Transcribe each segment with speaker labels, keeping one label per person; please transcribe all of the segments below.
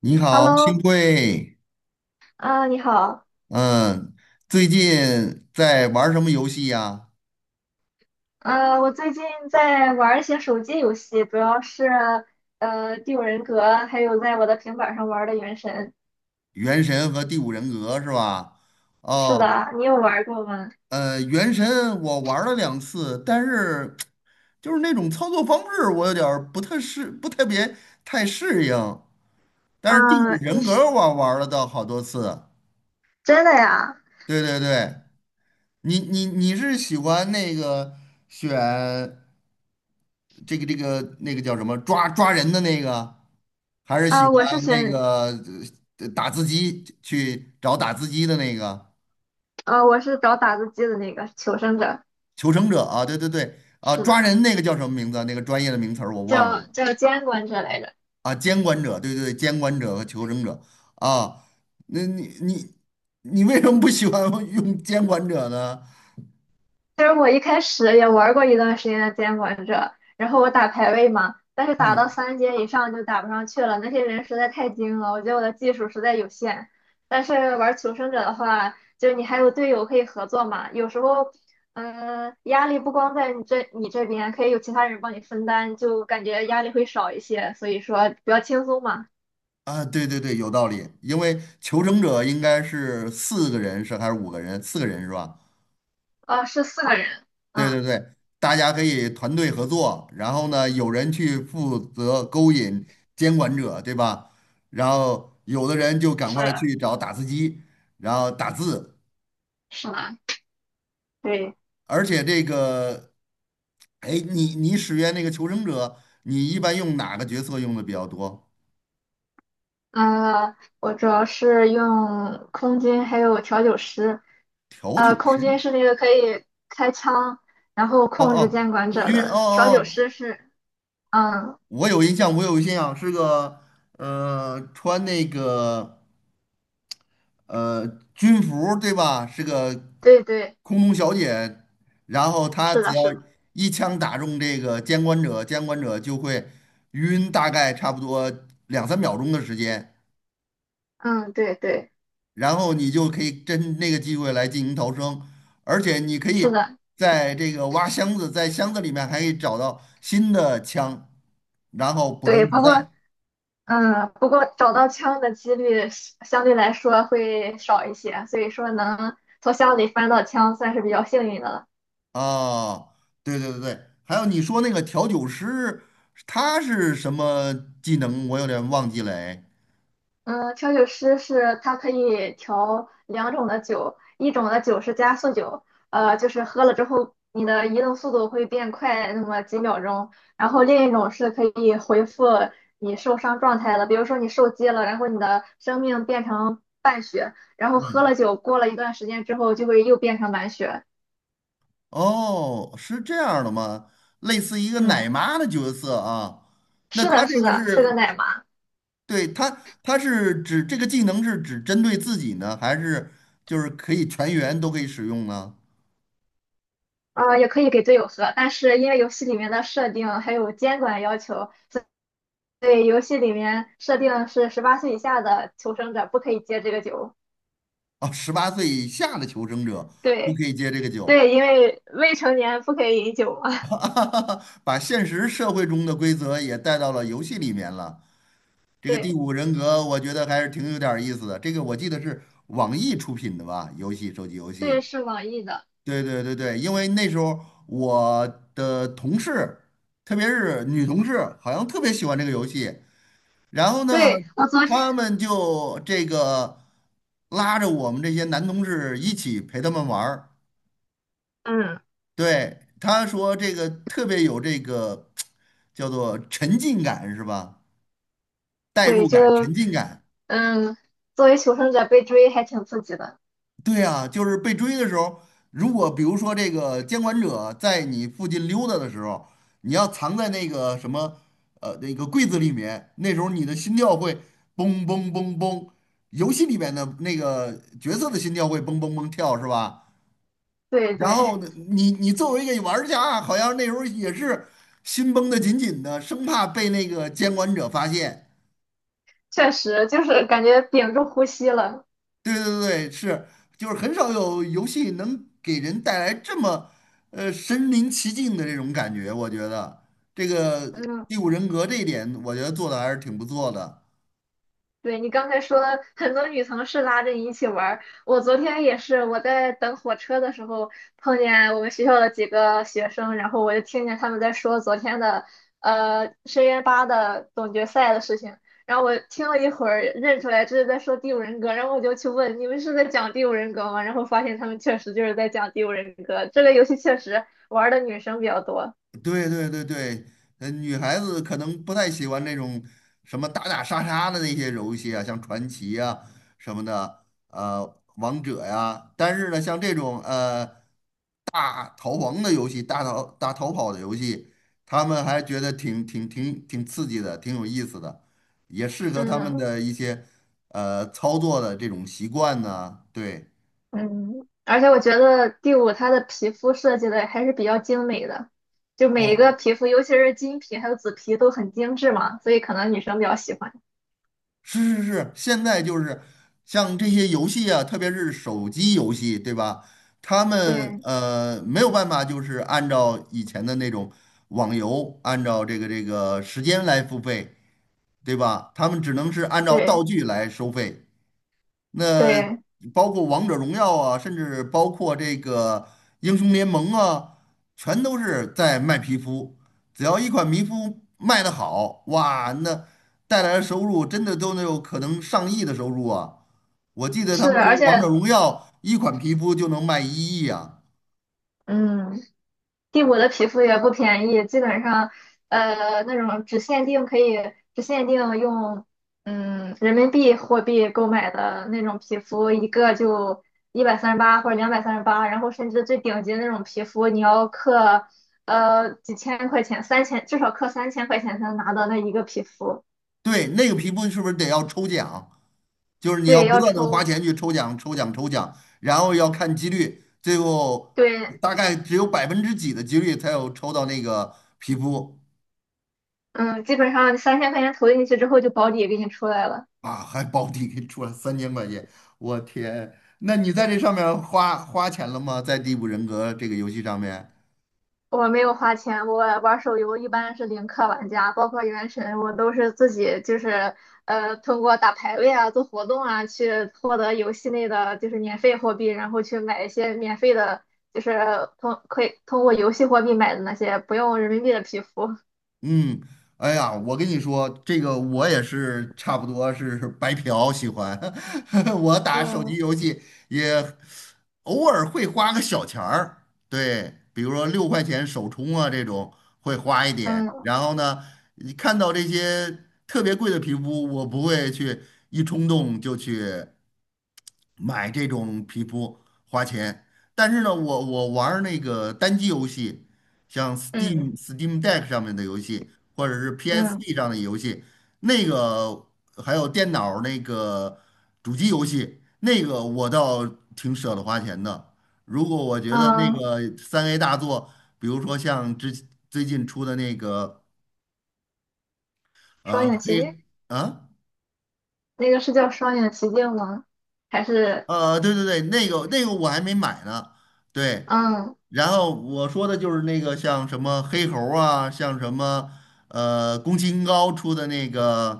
Speaker 1: 你好，幸
Speaker 2: Hello，
Speaker 1: 会。
Speaker 2: 啊、你好。
Speaker 1: 嗯，最近在玩儿什么游戏呀？
Speaker 2: 啊，我最近在玩一些手机游戏，主要是《第五人格》，还有在我的平板上玩的《原神》。
Speaker 1: 《原神》和《第五人格》是吧？
Speaker 2: 是
Speaker 1: 哦，
Speaker 2: 的，你有玩过吗？
Speaker 1: 《原神》我玩儿了两次，但是就是那种操作方式，我有点儿不太适，不特别太适应。但是《第五
Speaker 2: 啊、你
Speaker 1: 人格》
Speaker 2: 是
Speaker 1: 我玩儿了倒好多次。
Speaker 2: 真的呀？
Speaker 1: 对对对，你是喜欢那个选那个叫什么抓人的那个？还是喜
Speaker 2: 啊、我是
Speaker 1: 欢那
Speaker 2: 选，
Speaker 1: 个打字机的那个
Speaker 2: 啊，我是找打字机的那个求生者，
Speaker 1: 求生者啊？对对对，啊，
Speaker 2: 是
Speaker 1: 抓
Speaker 2: 的，
Speaker 1: 人那个叫什么名字啊？那个专业的名词儿我忘
Speaker 2: 叫
Speaker 1: 了
Speaker 2: 叫监管者来着。
Speaker 1: 啊。监管者，对对对，监管者和求生者啊。那你为什么不喜欢 用监管者呢？
Speaker 2: 其实我一开始也玩过一段时间的监管者，然后我打排位嘛，但是打到
Speaker 1: 嗯
Speaker 2: 三阶以上就打不上去了，那些人实在太精了，我觉得我的技术实在有限。但是玩求生者的话，就你还有队友可以合作嘛，有时候，嗯、压力不光在你这边，可以有其他人帮你分担，就感觉压力会少一些，所以说比较轻松嘛。
Speaker 1: 啊，对对对，有道理。因为求生者应该是四个人是还是五个人？四个人是吧？
Speaker 2: 啊，是四个人。
Speaker 1: 对
Speaker 2: 嗯，
Speaker 1: 对对，大家可以团队合作，然后呢，有人去负责勾引监管者，对吧？然后有的人就赶
Speaker 2: 是
Speaker 1: 快去找打字机，然后打字，
Speaker 2: 是的，对。
Speaker 1: 而且这个，哎，你使用那个求生者，你一般用哪个角色用的比较多？
Speaker 2: 我主要是用空军还有调酒师。
Speaker 1: 调酒
Speaker 2: 空军
Speaker 1: 师？
Speaker 2: 是那个可以开枪，然后
Speaker 1: 哦
Speaker 2: 控制
Speaker 1: 哦，
Speaker 2: 监管
Speaker 1: 空
Speaker 2: 者
Speaker 1: 军？哦
Speaker 2: 的，
Speaker 1: 哦，
Speaker 2: 调酒
Speaker 1: 哦
Speaker 2: 师是，嗯，
Speaker 1: 我有印象，是个穿那个。呃，军服对吧？是个
Speaker 2: 对对，
Speaker 1: 空中小姐，然后她
Speaker 2: 是
Speaker 1: 只
Speaker 2: 的，
Speaker 1: 要
Speaker 2: 是的。
Speaker 1: 一枪打中这个监管者，监管者就会晕，大概差不多两三秒钟的时间，
Speaker 2: 嗯，对对，
Speaker 1: 然后你就可以趁那个机会来进行逃生，而且你可
Speaker 2: 是
Speaker 1: 以
Speaker 2: 的，
Speaker 1: 在这个挖箱子，在箱子里面还可以找到新的枪，然后补充
Speaker 2: 对。
Speaker 1: 子
Speaker 2: 不
Speaker 1: 弹。
Speaker 2: 过，嗯，不过找到枪的几率是相对来说会少一些，所以说能从箱里翻到枪算是比较幸运的了。
Speaker 1: 啊，对对对对，还有你说那个调酒师，他是什么技能？我有点忘记了哎
Speaker 2: 嗯，调酒师是他可以调两种的酒，一种的酒是加速酒。就是喝了之后你的移动速度会变快那么几秒钟，然后另一种是可以恢复你受伤状态的，比如说你受击了，然后你的生命变成半血，然后喝
Speaker 1: 嗯，
Speaker 2: 了酒过了一段时间之后就会又变成满血。
Speaker 1: 哦，是这样的吗？类似一个奶
Speaker 2: 嗯，
Speaker 1: 妈的角色啊。那
Speaker 2: 是
Speaker 1: 他
Speaker 2: 的，
Speaker 1: 这
Speaker 2: 是
Speaker 1: 个
Speaker 2: 的，是个
Speaker 1: 是，
Speaker 2: 奶妈。
Speaker 1: 对，他是指这个技能是只针对自己呢，还是就是可以全员都可以使用呢？
Speaker 2: 啊，也可以给队友喝，但是因为游戏里面的设定还有监管要求。对，游戏里面设定是18岁以下的求生者不可以接这个酒。
Speaker 1: 啊，十八岁以下的求生者不
Speaker 2: 对
Speaker 1: 可以接这个酒，
Speaker 2: 对，因为未成年不可以饮酒嘛。
Speaker 1: 把现实社会中的规则也带到了游戏里面了。这个第
Speaker 2: 对
Speaker 1: 五人格，我觉得还是挺有点儿意思的。这个我记得是网易出品的吧，游戏，手机游
Speaker 2: 对，
Speaker 1: 戏。
Speaker 2: 是网易的。
Speaker 1: 对对对对，因为那时候我的同事，特别是女同事，好像特别喜欢这个游戏。然后呢，
Speaker 2: 对，我昨天
Speaker 1: 他们就这个拉着我们这些男同事一起陪他们玩儿。
Speaker 2: 嗯，
Speaker 1: 对，他说这个特别有这个 叫做沉浸感是吧？代
Speaker 2: 对，
Speaker 1: 入感、
Speaker 2: 就
Speaker 1: 沉浸感。
Speaker 2: 嗯，作为求生者被追还挺刺激的。
Speaker 1: 对啊，就是被追的时候，如果比如说这个监管者在你附近溜达的时候，你要藏在那个什么那个柜子里面，那时候你的心跳会嘣嘣嘣嘣，游戏里面的那个角色的心跳会嘣嘣嘣跳是吧？
Speaker 2: 对
Speaker 1: 然
Speaker 2: 对，
Speaker 1: 后呢，你作为一个玩家，好像那时候也是心绷得紧紧的，生怕被那个监管者发现。
Speaker 2: 确实就是感觉屏住呼吸了。
Speaker 1: 对对对，是，就是很少有游戏能给人带来这么，身临其境的这种感觉。我觉得这个
Speaker 2: 嗯。
Speaker 1: 《第五人格》这一点，我觉得做的还是挺不错的。
Speaker 2: 对你刚才说很多女同事拉着你一起玩儿，我昨天也是，我在等火车的时候碰见我们学校的几个学生，然后我就听见他们在说昨天的深渊八的总决赛的事情，然后我听了一会儿认出来这是在说第五人格，然后我就去问你们是在讲第五人格吗？然后发现他们确实就是在讲第五人格，这个游戏确实玩儿的女生比较多。
Speaker 1: 对对对对，女孩子可能不太喜欢那种什么打打杀杀的那些游戏啊，像传奇啊什么的，王者呀、但是呢，像这种大逃亡的游戏、大逃跑的游戏，他们还觉得挺刺激的，挺有意思的，也适合他们
Speaker 2: 嗯。
Speaker 1: 的一些操作的这种习惯呢。对，
Speaker 2: 嗯，而且我觉得第五它的皮肤设计的还是比较精美的，就每一
Speaker 1: 哦，
Speaker 2: 个皮肤，尤其是金皮还有紫皮都很精致嘛，所以可能女生比较喜欢。
Speaker 1: 是是是，现在就是像这些游戏啊，特别是手机游戏，对吧？他们
Speaker 2: 对
Speaker 1: 没有办法，就是按照以前的那种网游，按照这个时间来付费，对吧？他们只能是按照
Speaker 2: 对
Speaker 1: 道具来收费。那
Speaker 2: 对，
Speaker 1: 包括王者荣耀啊，甚至包括这个英雄联盟啊，全都是在卖皮肤。只要一款皮肤卖得好，哇，那带来的收入真的都能有可能上亿的收入啊！我记得他
Speaker 2: 是，
Speaker 1: 们说
Speaker 2: 而且
Speaker 1: 王者荣耀一款皮肤就能卖一亿啊。
Speaker 2: 嗯，第五的皮肤也不便宜，基本上，那种只限定用，嗯，人民币货币购买的那种皮肤，一个就138或者238，然后甚至最顶级的那种皮肤，你要克，几千块钱，三千至少克三千块钱才能拿到那一个皮肤。
Speaker 1: 对，那个皮肤是不是得要抽奖？就是你要
Speaker 2: 对，
Speaker 1: 不
Speaker 2: 要
Speaker 1: 断的花
Speaker 2: 抽，
Speaker 1: 钱去抽奖，然后要看几率，最后
Speaker 2: 对。
Speaker 1: 大概只有百分之几的几率才有抽到那个皮肤
Speaker 2: 嗯，基本上三千块钱投进去之后就保底给你出来了。
Speaker 1: 啊，还保底给出了三千块钱，我天！那你在这上面花钱了吗？在《第五人格》这个游戏上面？
Speaker 2: 我没有花钱，我玩手游一般是零氪玩家，包括原神，我都是自己就是通过打排位啊、做活动啊，去获得游戏内的就是免费货币，然后去买一些免费的，就是通可以通过游戏货币买的那些不用人民币的皮肤。
Speaker 1: 嗯，哎呀，我跟你说，这个我也是差不多是白嫖喜欢 我打手机
Speaker 2: 嗯
Speaker 1: 游戏也偶尔会花个小钱儿，对，比如说六块钱首充啊这种会花一点，
Speaker 2: 嗯
Speaker 1: 然后呢，你看到这些特别贵的皮肤，我不会去一冲动就去。买这种皮肤花钱，但是呢，我玩儿那个单机游戏，像
Speaker 2: 嗯
Speaker 1: Steam、Steam Deck 上面的游戏，或者是
Speaker 2: 嗯
Speaker 1: PSP 上的游戏，那个还有电脑儿那个主机游戏，那个我倒挺舍得花钱的。如果我觉得那
Speaker 2: 嗯，
Speaker 1: 个三 A 大作，比如说像之最近出的那个
Speaker 2: 双
Speaker 1: 呃
Speaker 2: 影奇境，
Speaker 1: 黑啊
Speaker 2: 那个是叫双影奇境吗？还是
Speaker 1: 对对对，那个那个我还没买呢，对。
Speaker 2: 嗯
Speaker 1: 然后我说的就是那个像什么黑猴儿啊，像什么宫崎英高出的那个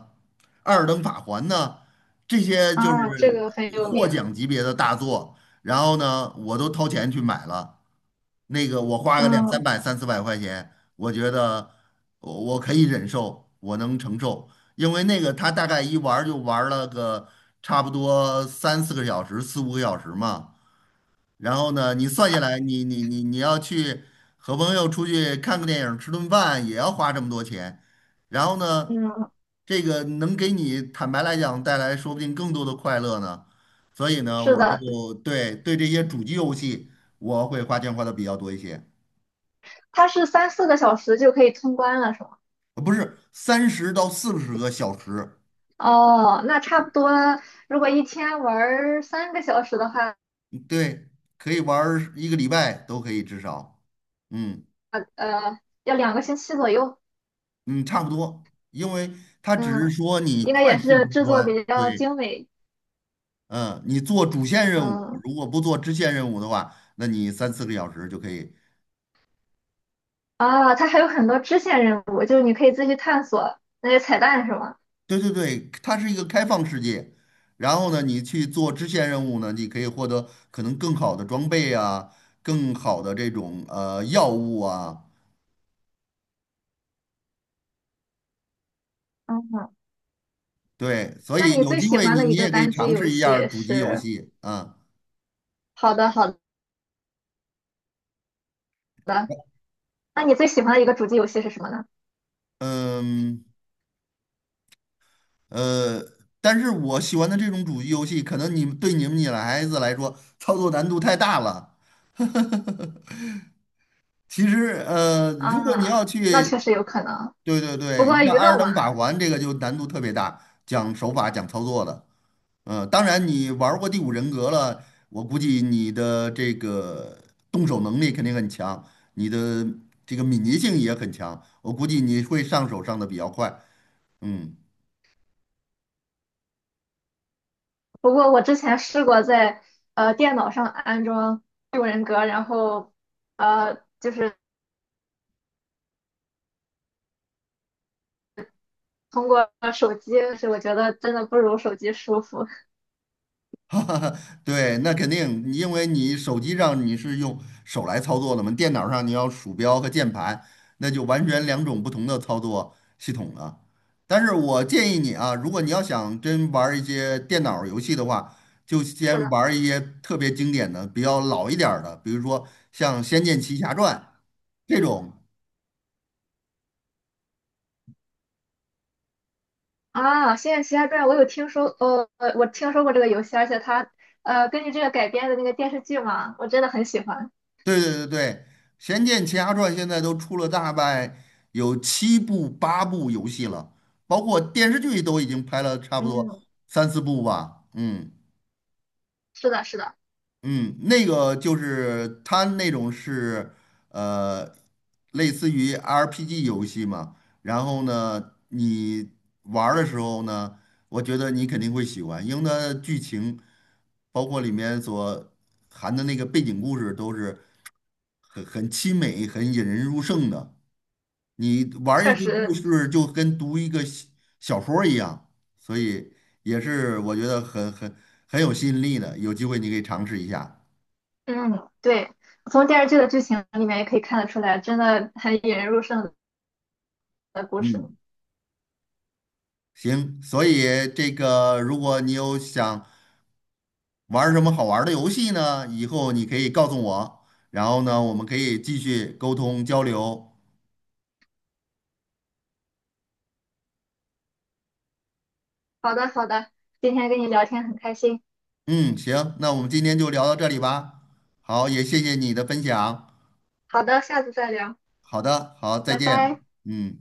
Speaker 1: 《二等法环》呢，这些就
Speaker 2: 啊，这
Speaker 1: 是
Speaker 2: 个很有
Speaker 1: 获
Speaker 2: 名。
Speaker 1: 奖级别的大作。然后呢，我都掏钱去买了，那个我花个两三
Speaker 2: 嗯
Speaker 1: 百、三四百块钱，我觉得我可以忍受，我能承受，因为那个他大概一玩儿就玩儿了个差不多三四个小时、四五个小时嘛。然后呢，你算下来，你要去和朋友出去看个电影儿、吃顿饭，也要花这么多钱。然后呢，
Speaker 2: 嗯，
Speaker 1: 这个能给你坦白来讲带来说不定更多的快乐呢。所以呢，
Speaker 2: 是
Speaker 1: 我
Speaker 2: 的，
Speaker 1: 就对这些主机游戏，我会花钱花的比较多一些，
Speaker 2: 它是三四个小时就可以通关了，是吗？
Speaker 1: 不是三十到四十个小时，
Speaker 2: 哦，那差不多，如果一天玩儿3个小时的话，
Speaker 1: 嗯对，可以玩儿一个礼拜都可以至少，嗯
Speaker 2: 呃，要2个星期左右。
Speaker 1: 嗯，差不多，因为它只是
Speaker 2: 嗯，
Speaker 1: 说你
Speaker 2: 应该
Speaker 1: 快
Speaker 2: 也
Speaker 1: 速
Speaker 2: 是
Speaker 1: 通
Speaker 2: 制作
Speaker 1: 关。
Speaker 2: 比较
Speaker 1: 对，
Speaker 2: 精美。
Speaker 1: 嗯，你做主线任务，
Speaker 2: 嗯，
Speaker 1: 如果不做支线任务的话，那你三四个小时就可以。
Speaker 2: 啊，它还有很多支线任务，就是你可以自己探索那些彩蛋，是吗？
Speaker 1: 对对对，它是一个开放世界。然后呢，你去做支线任务呢，你可以获得可能更好的装备啊，更好的这种药物啊。
Speaker 2: 嗯，
Speaker 1: 对，所
Speaker 2: 那
Speaker 1: 以
Speaker 2: 你
Speaker 1: 有
Speaker 2: 最
Speaker 1: 机
Speaker 2: 喜
Speaker 1: 会
Speaker 2: 欢
Speaker 1: 你
Speaker 2: 的
Speaker 1: 你
Speaker 2: 一个
Speaker 1: 也可以
Speaker 2: 单机
Speaker 1: 尝试
Speaker 2: 游
Speaker 1: 一下儿
Speaker 2: 戏
Speaker 1: 主机游
Speaker 2: 是？
Speaker 1: 戏啊。
Speaker 2: 好的，好的。那你最喜欢的一个主机游戏是什么呢？
Speaker 1: 嗯呃，但是我喜欢的这种主机游戏，可能你们女孩子来说操作难度太大了。其实，如果你
Speaker 2: 啊，
Speaker 1: 要
Speaker 2: 那
Speaker 1: 去，
Speaker 2: 确实有可能。
Speaker 1: 对对
Speaker 2: 不
Speaker 1: 对，你
Speaker 2: 过
Speaker 1: 像
Speaker 2: 娱
Speaker 1: 《艾尔
Speaker 2: 乐
Speaker 1: 登
Speaker 2: 嘛。
Speaker 1: 法环》这个就难度特别大，讲手法、讲操作的。嗯，当然你玩儿过《第五人格》了，我估计你的这个动手能力肯定很强，你的这个敏捷性也很强，我估计你会上手上的比较快。嗯，
Speaker 2: 不过我之前试过在电脑上安装六人格，然后就是通过手机，是我觉得真的不如手机舒服。
Speaker 1: 哈哈，哈，对，那肯定，因为你手机上你是用手来操作的嘛，电脑上你要鼠标和键盘，那就完全两种不同的操作系统了。但是我建议你啊，如果你要想真玩儿一些电脑游戏的话，就
Speaker 2: 是
Speaker 1: 先
Speaker 2: 的。
Speaker 1: 玩儿一些特别经典的、比较老一点儿的，比如说像《仙剑奇侠传》这种，
Speaker 2: 啊，《仙剑奇侠传》我有听说。我听说过这个游戏，而且它根据这个改编的那个电视剧嘛，我真的很喜欢。
Speaker 1: 对对对对，《仙剑奇侠传》现在都出了大概有七部八部游戏了，包括电视剧都已经拍了差不多
Speaker 2: 嗯，
Speaker 1: 三四部吧。嗯
Speaker 2: 是的，是的，
Speaker 1: 嗯，那个就是它那种是呃类似于 RPG 游戏嘛，然后呢你玩儿的时候呢，我觉得你肯定会喜欢，因为它剧情包括里面所含的那个背景故事都是。很凄美、很引人入胜的。你玩
Speaker 2: 确
Speaker 1: 一个故
Speaker 2: 实。
Speaker 1: 事，就跟读一个小说儿一样，所以也是我觉得很有吸引力的。有机会你可以尝试一下。
Speaker 2: 嗯，对，从电视剧的剧情里面也可以看得出来，真的很引人入胜的故事。
Speaker 1: 嗯，行。所以这个，如果你有想玩儿什么好玩儿的游戏呢，以后你可以告诉我，然后呢，我们可以继续沟通交流。
Speaker 2: 好的，好的，今天跟你聊天很开心。
Speaker 1: 嗯，行，那我们今天就聊到这里吧。好，也谢谢你的分享。
Speaker 2: 好的，下次再聊，
Speaker 1: 好的，好，再
Speaker 2: 拜
Speaker 1: 见。
Speaker 2: 拜。
Speaker 1: 嗯。